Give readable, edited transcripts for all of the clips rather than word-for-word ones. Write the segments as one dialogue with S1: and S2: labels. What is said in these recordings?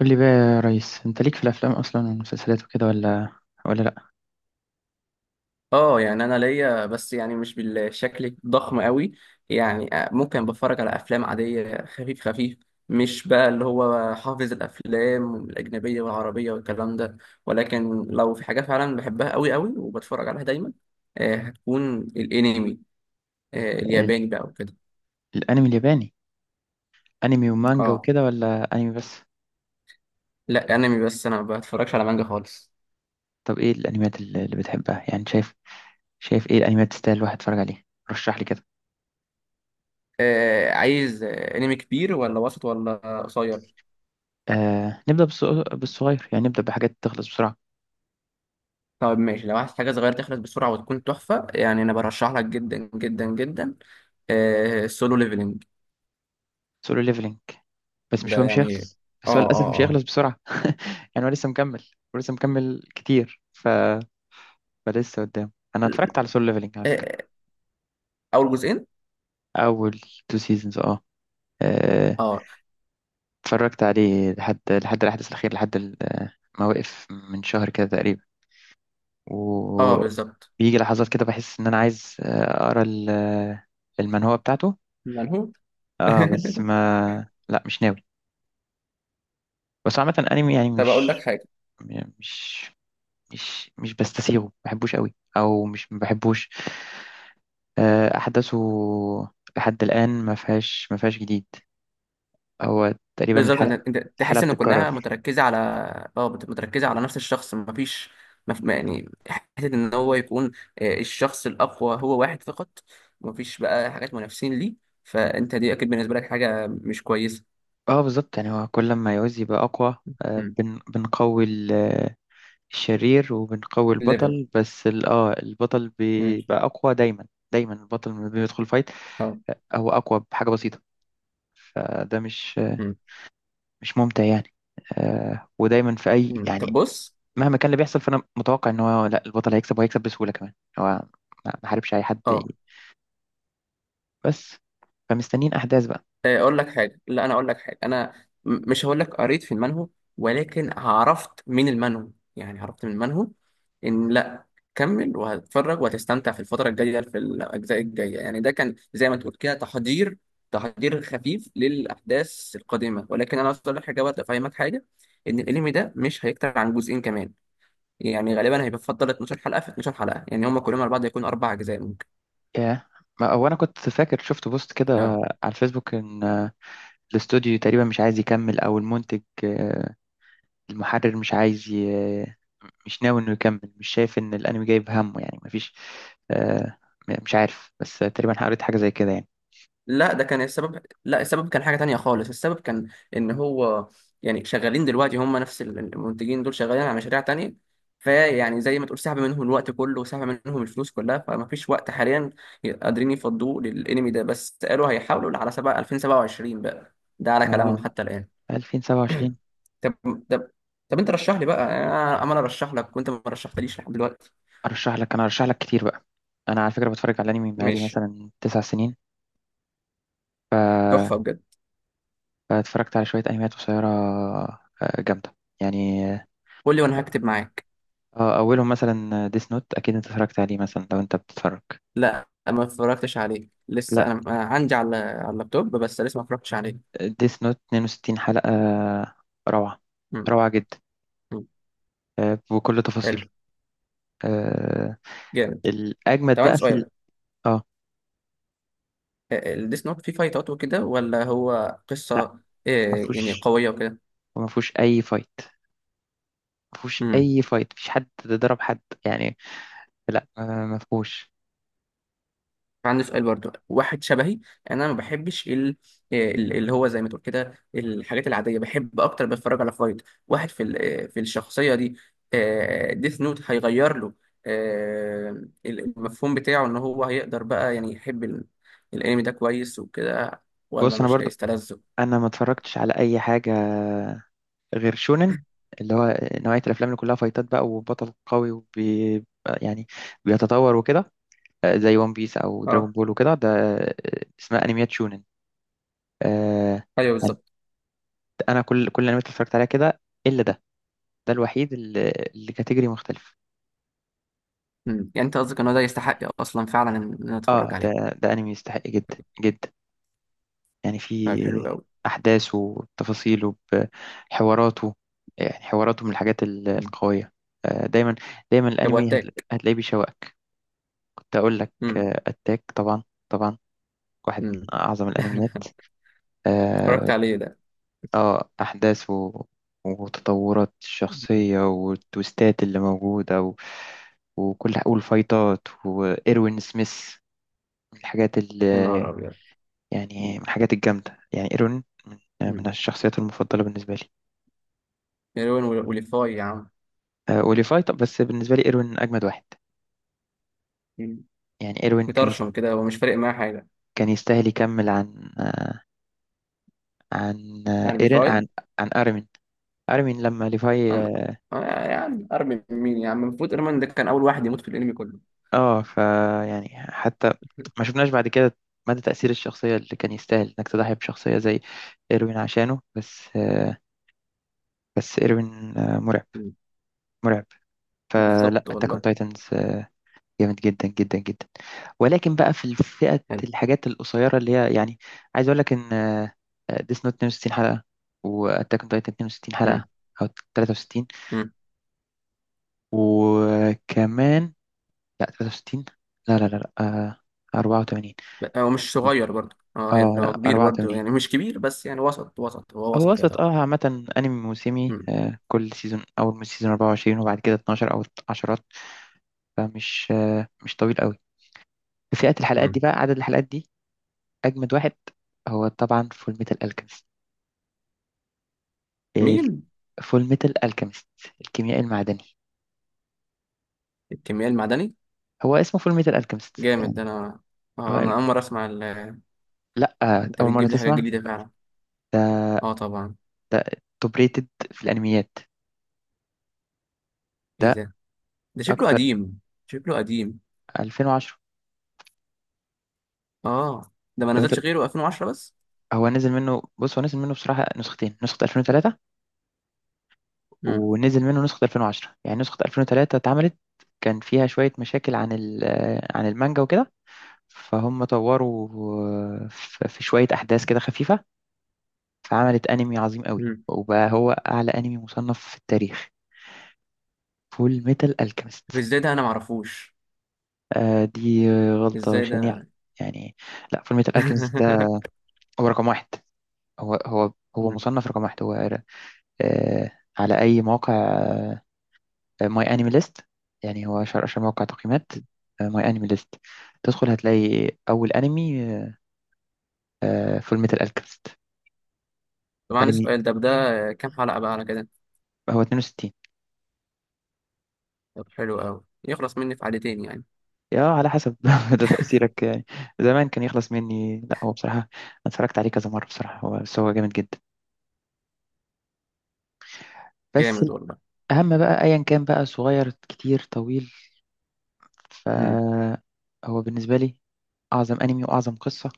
S1: قول لي بقى، يا ريس انت ليك في الافلام اصلا والمسلسلات وكده ولا لا؟
S2: اه، يعني انا ليا بس يعني مش بالشكل الضخم قوي. يعني ممكن بتفرج على افلام عاديه، خفيف خفيف. مش بقى اللي هو حافظ الافلام الاجنبيه والعربيه والكلام ده. ولكن لو في حاجه فعلا بحبها قوي قوي وبتفرج عليها دايما، هتكون الانمي.
S1: ال-
S2: الياباني بقى وكده.
S1: الانمي الياباني، انمي ومانجا
S2: اه،
S1: وكده ولا انمي بس؟
S2: لا، انمي بس، انا ما بتفرجش على مانجا خالص.
S1: طب ايه الانميات اللي بتحبها؟ يعني شايف ايه الانميات تستاهل الواحد يتفرج عليها؟ رشح لي كده.
S2: عايز، انمي كبير ولا وسط ولا قصير؟
S1: نبدا بالصغير، يعني نبدا بحاجات تخلص بسرعه.
S2: طب ماشي، لو عايز حاجة صغيرة تخلص بسرعة وتكون تحفة، يعني أنا برشح لك جدا جدا جدا. سولو ليفلنج.
S1: سولو ليفلينج، بس مش
S2: ده
S1: هو مش
S2: يعني.
S1: هيخلص بس هو
S2: اه،
S1: للاسف
S2: اه،
S1: مش
S2: اه.
S1: هيخلص بسرعه. يعني هو لسه مكمل ولسه مكمل كتير، فلسه قدام. انا اتفرجت على سولو ليفلينج على
S2: آه،
S1: فكره،
S2: آه، أول جزئين.
S1: اول تو سيزونز. اه آه،
S2: اه،
S1: اتفرجت عليه لحد الأحداث الأخيرة، لحد ما وقف من شهر كده تقريبا.
S2: اه، بالظبط.
S1: وبيجي لحظات كده بحس إن أنا عايز أقرأ المنهوة بتاعته.
S2: منهو.
S1: اه بس ما لا مش ناوي. بس عامة أنمي، يعني
S2: طب أقول لك حاجة.
S1: مش مش بستسيغه، ما بحبوش قوي. أو مش ما بحبوش، أحداثه لحد الآن ما فيهاش جديد. هو تقريبا
S2: بالظبط،
S1: الحلقة
S2: أنت
S1: الحلقة
S2: تحس إن كلها
S1: بتتكرر.
S2: متركزة على. اه، متركزة على نفس الشخص، مفيش. يعني حتة إن هو يكون، الشخص الأقوى هو واحد فقط. مفيش بقى حاجات منافسين ليه. فأنت دي أكيد بالنسبة لك حاجة مش كويسة.
S1: اه بالظبط. يعني هو كل ما يعوز يبقى أقوى، بنقوي الشرير، وبنقوي
S2: ليفل.
S1: البطل. بس البطل
S2: مم.
S1: بيبقى أقوى دايما. دايما البطل لما بيدخل فايت
S2: اه.
S1: هو أقوى بحاجة بسيطة. فده مش آه،
S2: مم.
S1: مش ممتع يعني. ودايما في أي
S2: مم. طب
S1: يعني
S2: بص.
S1: مهما كان اللي بيحصل، فأنا متوقع إن هو، لا، البطل هيكسب وهيكسب بسهولة كمان. هو ما حاربش أي حد
S2: اه،
S1: بس. فمستنيين أحداث بقى.
S2: اقول لك حاجه. لا، انا اقول لك حاجه، انا مش هقول لك قريت في المنهو. ولكن عرفت من المنهو، يعني عرفت من المنهو ان لا، كمل وهتتفرج وهتستمتع في الفتره الجايه، في الاجزاء الجايه. يعني ده كان زي ما تقول كده تحضير، تحضير خفيف للاحداث القادمه. ولكن انا اقول لك حاجه برضه، افهمك حاجه. ان الانمي ده مش هيكتر عن جزئين كمان. يعني غالبا هيبقى فضل 12 حلقه، في 12 حلقه، يعني هم كلهم على بعض يكونوا اربع اجزاء ممكن.
S1: ياه. هو أنا كنت فاكر شفت بوست كده
S2: اه،
S1: على الفيسبوك، إن الاستوديو تقريبا مش عايز يكمل، او المنتج، المحرر مش عايز مش ناوي انه يكمل. مش شايف ان الانمي جايب همه، يعني مفيش، آه، مش عارف، بس تقريبا قريت حاجه زي كده يعني.
S2: لا ده كان السبب، لا، السبب كان حاجة تانية خالص. السبب كان ان هو، يعني شغالين دلوقتي هم نفس المنتجين، دول شغالين على مشاريع تانية. فيعني زي ما تقول، سحب منهم الوقت كله، وسحب منهم الفلوس كلها، فما فيش وقت حاليا قادرين يفضوه للانمي ده. بس قالوا هيحاولوا على سبعة 2027 بقى، ده على
S1: اه،
S2: كلامهم حتى الآن.
S1: 2027.
S2: طب طب طب، انت رشح لي بقى، انا عمال ارشح لك وانت ما رشحتليش لحد دلوقتي.
S1: ارشح لك؟ انا ارشح لك كتير بقى. انا على فكره بتفرج على انمي بقالي
S2: ماشي.
S1: مثلا 9 سنين،
S2: تحفة بجد.
S1: فاتفرجت على شويه انميات قصيره جامده يعني.
S2: قول لي وانا هكتب معاك.
S1: اه، اولهم مثلا ديس نوت، اكيد انت اتفرجت عليه مثلا لو انت بتتفرج.
S2: لا، ما اتفرجتش عليه لسه،
S1: لا،
S2: أنا عندي على اللابتوب، بس لسه ما اتفرجتش عليه.
S1: ديس نوت 62 حلقه، روعه،
S2: مم.
S1: روعه جدا،
S2: مم.
S1: بكل تفاصيله.
S2: حلو.
S1: آه،
S2: جامد.
S1: الأجمد
S2: طب
S1: بقى
S2: عندي
S1: في
S2: سؤال.
S1: اه،
S2: الديس نوت فيه فايتات وكده ولا هو قصة،
S1: لا، ما
S2: يعني
S1: فيهوش
S2: قوية
S1: ما فيهوش أي فايت. ما فيهوش
S2: وكده؟
S1: أي فايت، مفيش حد ضرب حد يعني. لا ما فيهوش.
S2: عندي سؤال برضو واحد شبهي. انا ما بحبش اللي هو زي ما تقول كده، الحاجات العاديه بحب اكتر، بتفرج على فايت واحد في في الشخصيه دي. ديث نوت هيغير له المفهوم بتاعه، ان هو هيقدر بقى يعني يحب الانمي ده كويس وكده، ولا
S1: بص، أنا
S2: مش
S1: برضو
S2: هيستلذه؟
S1: أنا ما اتفرجتش على أي حاجة غير شونن، اللي هو نوعية الأفلام اللي كلها فايتات بقى وبطل قوي وبي يعني بيتطور وكده. زي ون بيس أو دراجون
S2: اه،
S1: بول وكده، ده اسمها أنميات شونن. آه،
S2: ايوه، بالظبط.
S1: أنا كل الأنميات اللي اتفرجت عليها كده إلا ده. ده الوحيد اللي كاتيجوري مختلف.
S2: مم. يعني انت قصدك ان هو ده يستحق اصلا فعلا ان انا
S1: اه،
S2: اتفرج
S1: ده
S2: عليه؟
S1: ده انمي يستحق جدا جدا، يعني
S2: طيب حلو
S1: في
S2: قوي.
S1: احداثه وتفاصيله، بحواراته، يعني حواراته من الحاجات
S2: مم.
S1: القويه. آه، دايما
S2: طب
S1: الانمي
S2: واتاك؟
S1: هتلاقيه بيشوقك. كنت اقول لك
S2: مم.
S1: اتاك طبعا. طبعا واحد من
S2: مم.
S1: اعظم الانميات.
S2: اتفرجت
S1: اه،
S2: عليه ده.
S1: احداثه وتطورات
S2: مم.
S1: الشخصيه والتويستات اللي موجوده وكل والفايتات وايروين سميث، من الحاجات ال
S2: يا نهار ابيض.
S1: يعني من الحاجات الجامدة. يعني إيروين من
S2: مم.
S1: الشخصيات المفضلة بالنسبة لي.
S2: مليون، وليفاي يا عم.
S1: أوليفاي، طب بس بالنسبة لي إيروين أجمد واحد.
S2: مم.
S1: يعني إيروين كان
S2: مطرشم كده ومش فارق معاه حاجة.
S1: كان يستاهل يكمل عن
S2: يعني
S1: إيرين،
S2: ليفاي.
S1: عن أرمين. أرمين لما ليفاي،
S2: أنا
S1: اه
S2: أنا يعني أرمي مين يا عم، المفروض إيرمان ده كان أول واحد يموت في الأنمي كله.
S1: آه، ف يعني حتى ما شفناش بعد كده مدى تأثير الشخصية، اللي كان يستاهل إنك تضحي بشخصية زي إيروين عشانه. بس بس إيروين مرعب،
S2: مم.
S1: مرعب. فلا،
S2: بالظبط
S1: أتاك أون
S2: والله.
S1: تايتنز جامد جدا جدا جدا. ولكن بقى في فئة
S2: حلو.
S1: الحاجات القصيرة اللي هي يعني، عايز أقول لك إن ديس نوت 62 حلقة، وأتاك أون تايتن 62 حلقة،
S2: مم.
S1: أو 63.
S2: مم.
S1: وكمان لا 63، لا لا لا لا، 84.
S2: بقى هو مش صغير برضه، اه هي
S1: اه
S2: هو
S1: لا،
S2: كبير برضه،
S1: 84.
S2: يعني مش كبير بس، يعني وسط وسط، هو
S1: هو
S2: وسط يا
S1: وصلت،
S2: طبعا.
S1: اه عامة أنمي موسمي،
S2: مم.
S1: آه كل سيزون أول من سيزون 24، وبعد كده 12 أو 10. فمش مش طويل قوي. فئة الحلقات دي
S2: مم.
S1: بقى عدد الحلقات دي، أجمد واحد هو طبعا فول ميتال ألكيمست.
S2: مين؟
S1: فول ميتال ألكيمست، الكيميائي المعدني.
S2: الكيمياء المعدني.
S1: هو اسمه فول ميتال ألكيمست.
S2: جامد ده،
S1: يعني
S2: أنا.
S1: هو
S2: اه، أنا أول مرة أسمع
S1: لأ،
S2: أنت
S1: أول مرة
S2: بتجيب لي حاجة
S1: تسمع؟
S2: جديدة فعلا.
S1: ده
S2: اه، طبعا.
S1: ده توب ريتد في الأنميات.
S2: إيه
S1: ده
S2: ده؟ ده شكله
S1: أكتر،
S2: قديم. شكله قديم.
S1: 2010.
S2: اه، ده ما
S1: لو أنت
S2: نزلش غيره 2010 بس.
S1: هو نزل منه، بصراحة نسختين، نسخة 2003،
S2: امم
S1: ونزل منه نسخة 2010. يعني نسخة 2003 اتعملت، كان فيها شوية مشاكل عن ال... آه، عن المانجا وكده، فهم طوروا في شوية أحداث كده خفيفة، فعملت أنمي عظيم قوي،
S2: امم
S1: وبقى هو أعلى أنمي مصنف في التاريخ، فول ميتال ألكيميست.
S2: طب ازاي ده انا ما اعرفوش؟
S1: دي غلطة
S2: ازاي
S1: شنيعة
S2: ده؟
S1: يعني. لا، فول ميتال ألكيميست ده هو رقم 1. هو، هو
S2: مم.
S1: مصنف رقم 1. هو آه على أي موقع، ماي أنمي ليست، يعني هو أشهر موقع تقييمات، ماي أنمي ليست، تدخل هتلاقي أول أنمي، فول ميتال ألكيميست.
S2: طبعا
S1: أنمي
S2: السؤال ده كام حلقة بقى على كده؟
S1: هو 62.
S2: طب حلو قوي، يخلص مني في حلقتين يعني.
S1: يا على حسب. ده تأثيرك يعني، زمان كان يخلص مني. لا، هو بصراحة أنا اتفرجت عليه كذا مرة بصراحة. هو، بس هو جامد جدا بس.
S2: جامد والله.
S1: الأهم بقى أيا كان بقى، صغير كتير طويل،
S2: امم.
S1: فهو بالنسبة لي أعظم أنمي وأعظم قصة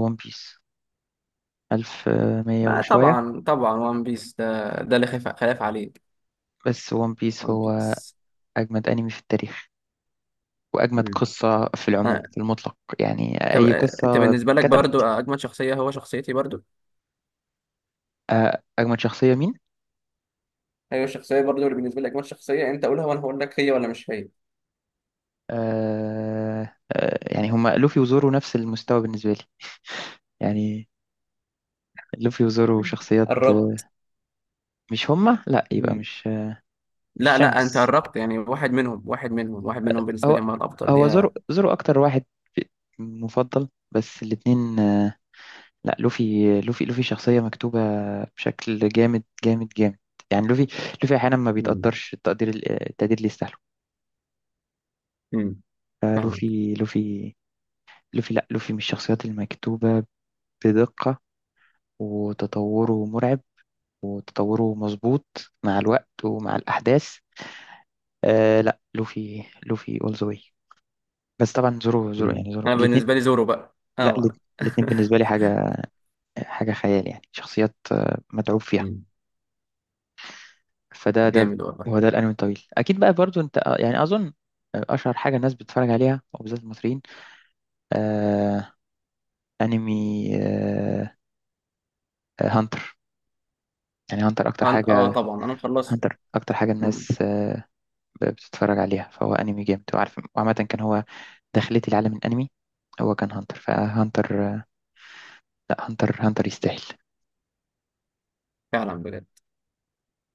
S1: ون بيس، ألف مية
S2: ما
S1: وشوية
S2: طبعا طبعا، وان بيس ده، ده اللي خلاف خلاف عليه.
S1: بس ون بيس
S2: وان
S1: هو
S2: بيس.
S1: أجمد أنمي في التاريخ، وأجمد
S2: امم.
S1: قصة في العموم
S2: آه.
S1: في المطلق، يعني
S2: طب،
S1: أي
S2: انت
S1: قصة
S2: بالنسبة لك برضو
S1: كتبت.
S2: اجمد شخصية هو شخصيتي برضو؟
S1: أجمد شخصية مين؟
S2: ايوه، الشخصية برضو اللي بالنسبة لك اجمد شخصية، انت قولها وانا هقول لك هي ولا مش هي.
S1: يعني هما لوفي وزورو نفس المستوى بالنسبة لي. يعني لوفي وزورو
S2: مم.
S1: شخصيات،
S2: قربت.
S1: مش هما، لا يبقى مش، مش
S2: لا، لا، انت
S1: شانكس.
S2: قربت يعني، واحد منهم، واحد منهم، واحد منهم بالنسبه لي
S1: هو
S2: هم الافضل،
S1: هو
S2: يا.
S1: زورو أكتر واحد مفضل، بس الاتنين. لا لوفي، لوفي شخصية مكتوبة بشكل جامد جامد جامد. يعني لوفي أحيانا ما
S2: مم.
S1: بيتقدرش التقدير، التقدير اللي يستاهله.
S2: مم. فاهمك.
S1: فلوفي، لوفي لا لوفي من الشخصيات المكتوبة بدقة، وتطوره مرعب، وتطوره مظبوط مع الوقت ومع الأحداث. لا لوفي اول ذا واي. بس طبعا زورو
S2: مم.
S1: يعني زورو.
S2: انا
S1: الاثنين،
S2: بالنسبه لي زورو بقى،
S1: لا
S2: اه انا.
S1: الاثنين بالنسبة لي حاجة خيال، يعني شخصيات متعوب فيها.
S2: مم.
S1: فده
S2: جامد والله.
S1: هو ده الأنمي الطويل. أكيد بقى برضو أنت يعني أظن أشهر حاجة الناس بتتفرج عليها وبالذات المصريين. آه أنمي، هانتر. يعني
S2: اه، طبعا انا مخلصه.
S1: هانتر أكتر حاجة
S2: مم.
S1: الناس بتتفرج عليها. فهو انمي جامد وعارف، وعامة كان هو، دخلتي لعالم الانمي هو كان هانتر. فهانتر، لا هانتر يستاهل.
S2: فعلا بجد.